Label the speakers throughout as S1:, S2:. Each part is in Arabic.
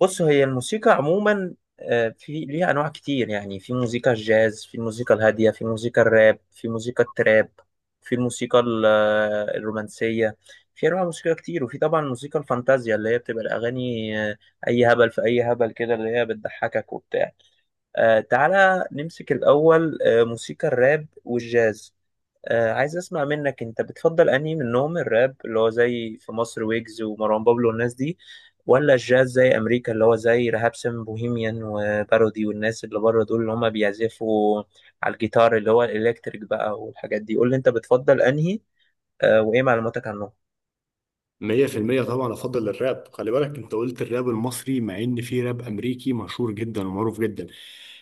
S1: بص، هي الموسيقى عموما في ليها انواع كتير. يعني في موسيقى الجاز، في الموسيقى الهاديه، في موسيقى الراب، في موسيقى التراب، في الموسيقى الرومانسيه. في انواع موسيقى كتير، وفي طبعا موسيقى الفانتازيا اللي هي بتبقى الاغاني اي هبل، في اي هبل كده اللي هي بتضحكك وبتاع. تعالى نمسك الاول موسيقى الراب والجاز. عايز اسمع منك، انت بتفضل انهي منهم؟ الراب اللي هو زي في مصر، ويجز ومروان بابلو والناس دي، ولا الجاز زي امريكا اللي هو زي رهاب سم بوهيميان وبارودي والناس اللي بره دول، اللي هم بيعزفوا على الجيتار اللي هو الالكتريك بقى والحاجات دي. قول لي انت بتفضل انهي. وايه معلوماتك عنهم؟
S2: 100% طبعا أفضل الراب. خلي بالك، أنت قلت الراب المصري، مع إن في راب أمريكي مشهور جدا ومعروف جدا.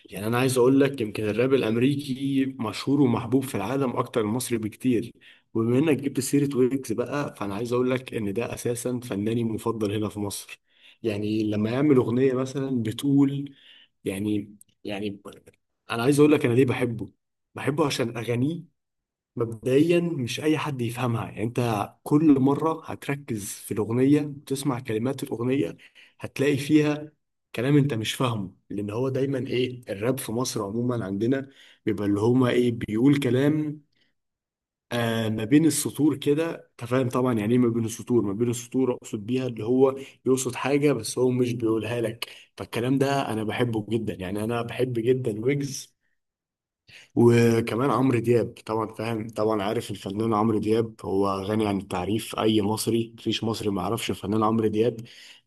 S2: يعني أنا عايز أقول لك، يمكن الراب الأمريكي مشهور ومحبوب في العالم أكتر من المصري بكتير. وبما إنك جبت سيرة ويجز بقى، فأنا عايز أقول لك إن ده أساسا فناني مفضل هنا في مصر. يعني لما يعمل أغنية مثلا بتقول... يعني يعني، أنا عايز أقول لك أنا ليه بحبه. بحبه عشان أغانيه. مبدئيا مش اي حد يفهمها. يعني انت كل مره هتركز في الاغنيه وتسمع كلمات الاغنيه، هتلاقي فيها كلام انت مش فاهمه، لان هو دايما، ايه، الراب في مصر عموما عندنا بيبقى اللي هما، ايه، بيقول كلام آه ما بين السطور كده. انت فاهم طبعا يعني ايه ما بين السطور. ما بين السطور اقصد بيها اللي هو يقصد حاجه بس هو مش بيقولها لك. فالكلام ده انا بحبه جدا. يعني انا بحب جدا ويجز. وكمان عمرو دياب طبعا، فاهم طبعا، عارف الفنان عمرو دياب. هو غني عن التعريف، اي مصري، مفيش مصري ما يعرفش الفنان عمرو دياب.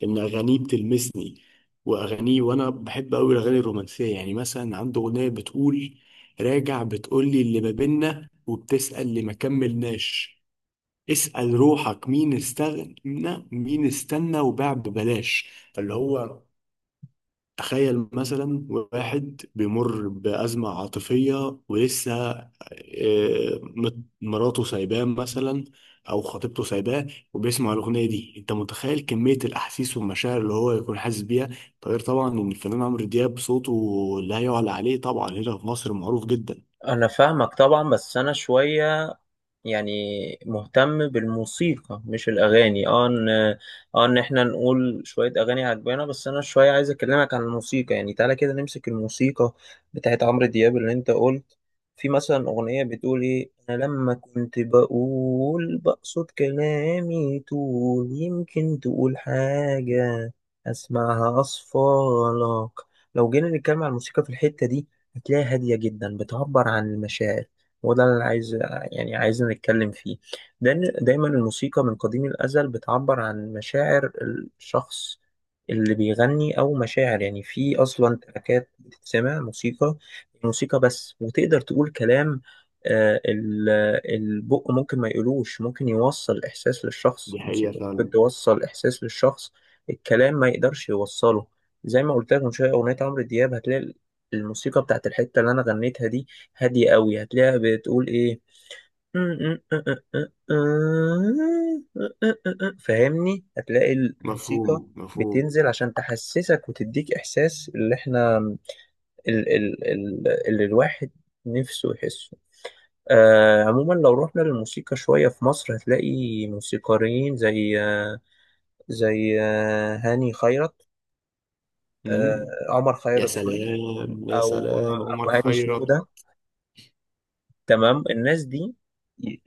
S2: ان اغانيه بتلمسني، واغانيه، وانا بحب قوي الاغاني الرومانسيه. يعني مثلا عنده اغنيه بتقول: راجع بتقولي اللي ما بينا وبتسأل اللي ما كملناش، اسأل روحك مين استغنى، مين استنى وباع ببلاش. فاللي هو تخيل مثلا واحد بيمر بأزمة عاطفية ولسه، مراته سايباه مثلا، أو خطيبته سايباه، وبيسمع الأغنية دي. أنت متخيل كمية الأحاسيس والمشاعر اللي هو يكون حاسس بيها؟ ده غير طبعا إن الفنان عمرو دياب صوته لا يعلى عليه. طبعا هنا في مصر معروف جدا.
S1: انا فاهمك طبعا، بس انا شويه يعني مهتم بالموسيقى مش الاغاني. ان احنا نقول شويه اغاني عجبانا، بس انا شويه عايز اكلمك عن الموسيقى. يعني تعالى كده نمسك الموسيقى بتاعت عمرو دياب اللي انت قلت. في مثلا اغنيه بتقول ايه: انا لما كنت بقول بقصد كلامي طول، يمكن تقول حاجه اسمعها اصفالك. لو جينا نتكلم عن الموسيقى في الحته دي، هتلاقيها هادية جدا، بتعبر عن المشاعر. وده اللي أنا عايز يعني عايزين نتكلم فيه. لأن دايما الموسيقى من قديم الأزل بتعبر عن مشاعر الشخص اللي بيغني، أو مشاعر يعني. في أصلا تراكات بتتسمع موسيقى، موسيقى بس، وتقدر تقول كلام، آه، ال- البق ممكن ما يقولوش، ممكن يوصل إحساس للشخص.
S2: دي حقيقة
S1: الموسيقى ممكن
S2: فعلا.
S1: توصل إحساس للشخص، الكلام ما يقدرش يوصله. زي ما قلت لك من شويه اغنيه عمرو دياب، هتلاقي الموسيقى بتاعت الحتة اللي أنا غنيتها دي هادية قوي. هتلاقيها بتقول إيه. فاهمني؟ هتلاقي الموسيقى
S2: مفهوم مفهوم.
S1: بتنزل عشان تحسسك وتديك إحساس اللي إحنا ال ال ال اللي الواحد نفسه يحسه. عموما، لو رحنا للموسيقى شوية في مصر، هتلاقي موسيقاريين زي هاني خيرت،
S2: مم.
S1: عمر
S2: يا
S1: خيرت سوري،
S2: سلام يا
S1: أو
S2: سلام
S1: أو
S2: عمر
S1: هاني
S2: خيرت.
S1: شنودة. تمام. الناس دي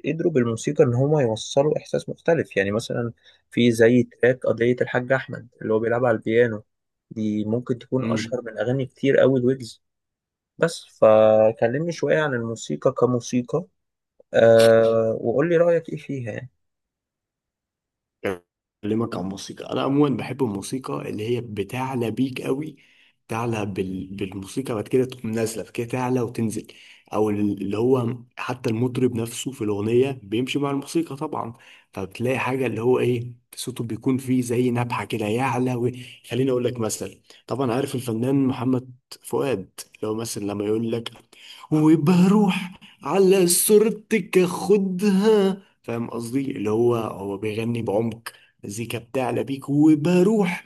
S1: قدروا بالموسيقى ان هما يوصلوا احساس مختلف. يعني مثلا في زي تراك قضية الحاج احمد اللي هو بيلعب على البيانو، دي ممكن تكون اشهر من اغاني كتير قوي الويجز. بس فكلمني شوية عن الموسيقى كموسيقى، أه وقول لي رأيك ايه فيها يعني.
S2: اكلمك عن موسيقى، انا عموما بحب الموسيقى اللي هي بتعلى بيك قوي. تعلى بالموسيقى، بعد كده تقوم نازله، بعد كده تعلى وتنزل. او اللي هو حتى المطرب نفسه في الاغنيه بيمشي مع الموسيقى طبعا. فبتلاقي حاجه اللي هو، ايه، صوته بيكون فيه زي نبحه كده، يعلى خليني اقول لك مثلا. طبعا عارف الفنان محمد فؤاد، اللي هو مثلا لما يقول لك: وبروح على صورتك اخدها. فاهم قصدي، اللي هو، هو بيغني بعمق، مزيكا بتعلى بيك، وبروح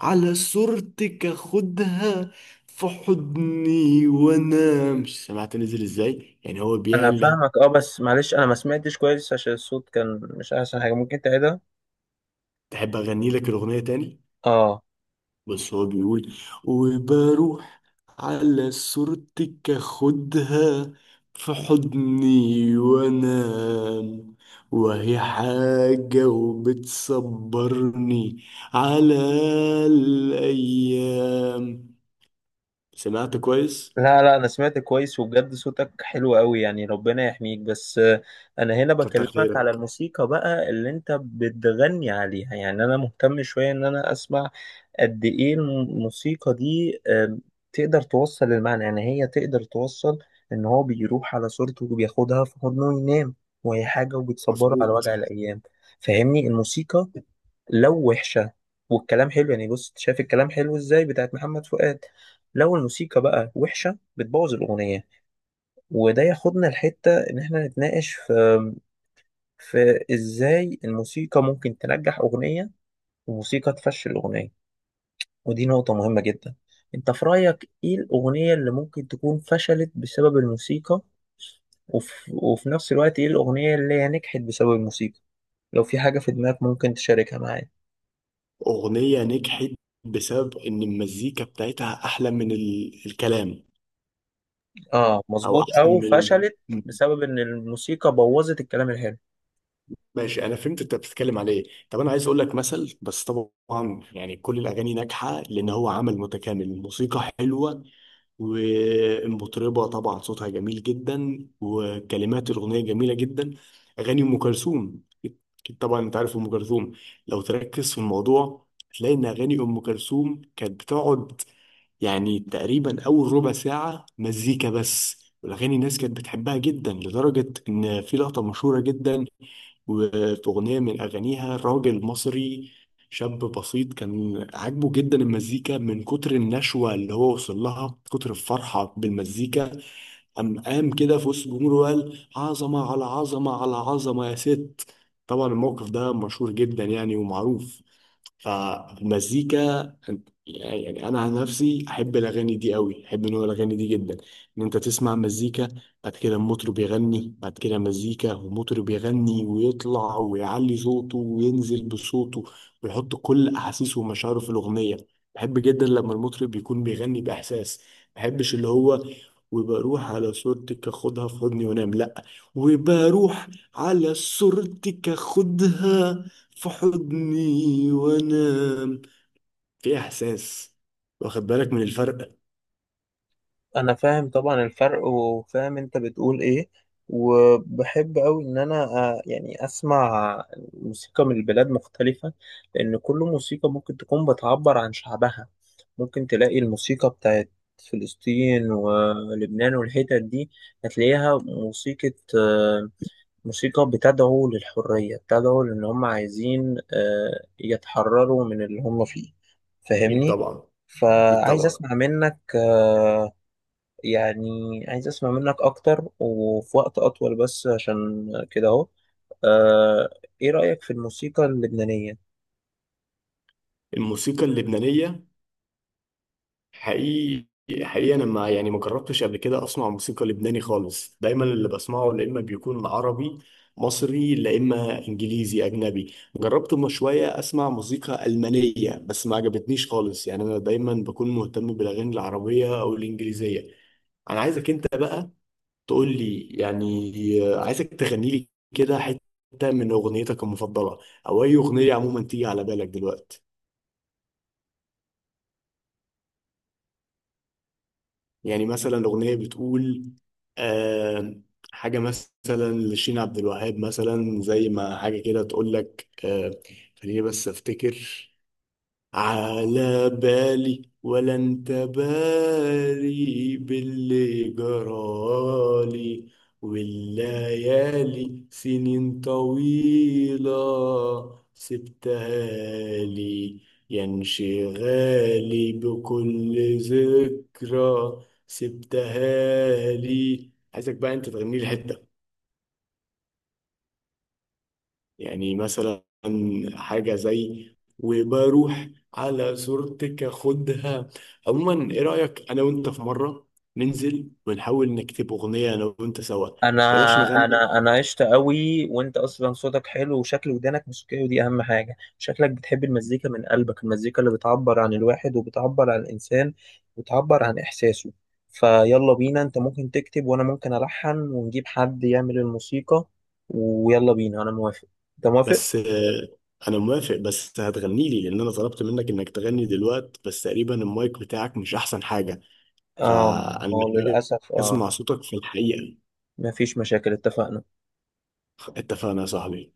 S2: على صورتك اخدها في حضني وانام. مش سمعت نزل ازاي؟ يعني هو
S1: انا
S2: بيعلى.
S1: فاهمك، اه، بس معلش انا ما سمعتش كويس عشان الصوت كان مش احسن حاجة. ممكن تعيدها؟
S2: تحب اغني لك الاغنيه تاني؟
S1: اه.
S2: بس هو بيقول: وبروح على صورتك اخدها في حضني وانام، وهي حاجة وبتصبرني على الأيام. سمعت كويس؟
S1: لا لا، انا سمعت كويس وبجد صوتك حلو قوي، يعني ربنا يحميك. بس انا هنا
S2: كتر
S1: بكلمك على
S2: خيرك.
S1: الموسيقى بقى اللي انت بتغني عليها. يعني انا مهتم شوية ان انا اسمع قد ايه الموسيقى دي تقدر توصل المعنى. يعني هي تقدر توصل ان هو بيروح على صورته وبياخدها في حضنه ينام، وهي حاجة وبتصبره على
S2: مظبوط.
S1: وجع الايام. فاهمني؟ الموسيقى لو وحشة والكلام حلو، يعني بص، شايف الكلام حلو ازاي بتاعت محمد فؤاد؟ لو الموسيقى بقى وحشة، بتبوظ الأغنية. وده ياخدنا لحتة إن إحنا نتناقش في إزاي الموسيقى ممكن تنجح أغنية، وموسيقى تفشل أغنية. ودي نقطة مهمة جدا. أنت في رأيك إيه الأغنية اللي ممكن تكون فشلت بسبب الموسيقى؟ وفي نفس الوقت إيه الأغنية اللي هي نجحت بسبب الموسيقى؟ لو في حاجة في دماغك ممكن تشاركها معايا.
S2: أغنية نجحت بسبب إن المزيكا بتاعتها أحلى من الكلام.
S1: آه
S2: أو
S1: مظبوط،
S2: أحسن
S1: أو
S2: من
S1: فشلت
S2: ال-
S1: بسبب إن الموسيقى بوظت الكلام الحلو.
S2: ماشي، انا فهمت انت بتتكلم على ايه. طب انا عايز اقول لك مثل، بس طبعا يعني كل الاغاني ناجحه لان هو عمل متكامل. الموسيقى حلوه والمطربه طبعا صوتها جميل جدا وكلمات الاغنيه جميله جدا. اغاني ام كلثوم، اكيد طبعا انت عارف ام كلثوم. لو تركز في الموضوع هتلاقي ان اغاني ام كلثوم كانت بتقعد يعني تقريبا اول ربع ساعه مزيكا بس، والاغاني الناس كانت بتحبها جدا لدرجه ان في لقطه مشهوره جدا وأغنية من أغانيها. راجل مصري شاب بسيط كان عاجبه جدا المزيكا، من كتر النشوة اللي هو وصل لها، كتر الفرحة بالمزيكا، قام كده في وسط الجمهور وقال: عظمة على عظمة على عظمة يا ست. طبعا الموقف ده مشهور جدا يعني ومعروف. فالمزيكا يعني، انا عن نفسي احب الاغاني دي قوي، احب نوع الاغاني دي جدا. ان انت تسمع مزيكا، بعد كده المطرب يغني، بعد كده مزيكا ومطرب يغني ويطلع ويعلي صوته وينزل بصوته، ويحط كل احاسيسه ومشاعره في الاغنيه. بحب جدا لما المطرب يكون بيغني باحساس. ما بحبش اللي هو: وبروح على صورتك اخدها في حضني وانام، لا. وبروح على صورتك اخدها في حضني وانام، في احساس. واخد بالك من الفرق؟
S1: انا فاهم طبعا الفرق، وفاهم انت بتقول ايه. وبحب قوي ان انا يعني اسمع موسيقى من البلاد مختلفة، لان كل موسيقى ممكن تكون بتعبر عن شعبها. ممكن تلاقي الموسيقى بتاعت فلسطين ولبنان والحتت دي، هتلاقيها موسيقى آه، موسيقى بتدعو للحرية، بتدعو لان هم عايزين يتحرروا من اللي هم فيه.
S2: اكيد
S1: فاهمني؟
S2: طبعا. اكيد
S1: فعايز
S2: طبعا.
S1: اسمع منك. يعني عايز اسمع منك اكتر وفي وقت اطول، بس عشان كده اهو آه، ايه رأيك في الموسيقى اللبنانية؟
S2: الموسيقى اللبنانيه، حقيقي حقيقي انا ما، يعني ما جربتش قبل كده اسمع موسيقى لبناني خالص. دايما اللي بسمعه يا اما بيكون عربي مصري، لا اما انجليزي اجنبي. جربت من شويه اسمع موسيقى المانيه بس ما عجبتنيش خالص. يعني انا دايما بكون مهتم بالاغاني العربيه او الانجليزيه. انا عايزك انت بقى تقول لي، يعني عايزك تغني لي كده حتة من أغنيتك المفضلة، أو أي أغنية عموما تيجي على بالك دلوقتي. يعني مثلا أغنية بتقول آه، حاجة مثلا لشين عبد الوهاب مثلا، زي ما حاجة كده تقول لك آه. خليني بس أفتكر. على بالي ولا انت باري باللي جرالي، والليالي سنين طويلة سبتها لي، يا انشغالي بكل ذكرى سبتها لي. عايزك بقى انت تغني لي حتة، يعني مثلا حاجة زي: وبروح على صورتك اخدها. عموما ايه رأيك، انا وانت في مرة ننزل ونحاول نكتب اغنية انا وانت سوا؟
S1: انا
S2: بلاش نغني.
S1: انا عشت قوي، وانت اصلا صوتك حلو وشكل ودانك موسيقية، ودي اهم حاجة. شكلك بتحب المزيكا من قلبك، المزيكا اللي بتعبر عن الواحد وبتعبر عن الانسان وبتعبر عن احساسه. فيلا بينا، انت ممكن تكتب وانا ممكن الحن، ونجيب حد يعمل الموسيقى. ويلا بينا، انا موافق. انت موافق؟
S2: بس انا موافق، بس هتغني لي لان انا طلبت منك انك تغني دلوقتي، بس تقريبا المايك بتاعك مش احسن حاجة.
S1: اه،
S2: فانا
S1: ما هو
S2: محتاج
S1: للاسف اه.
S2: اسمع صوتك في الحقيقة.
S1: مفيش مشاكل، اتفقنا.
S2: اتفقنا يا صاحبي.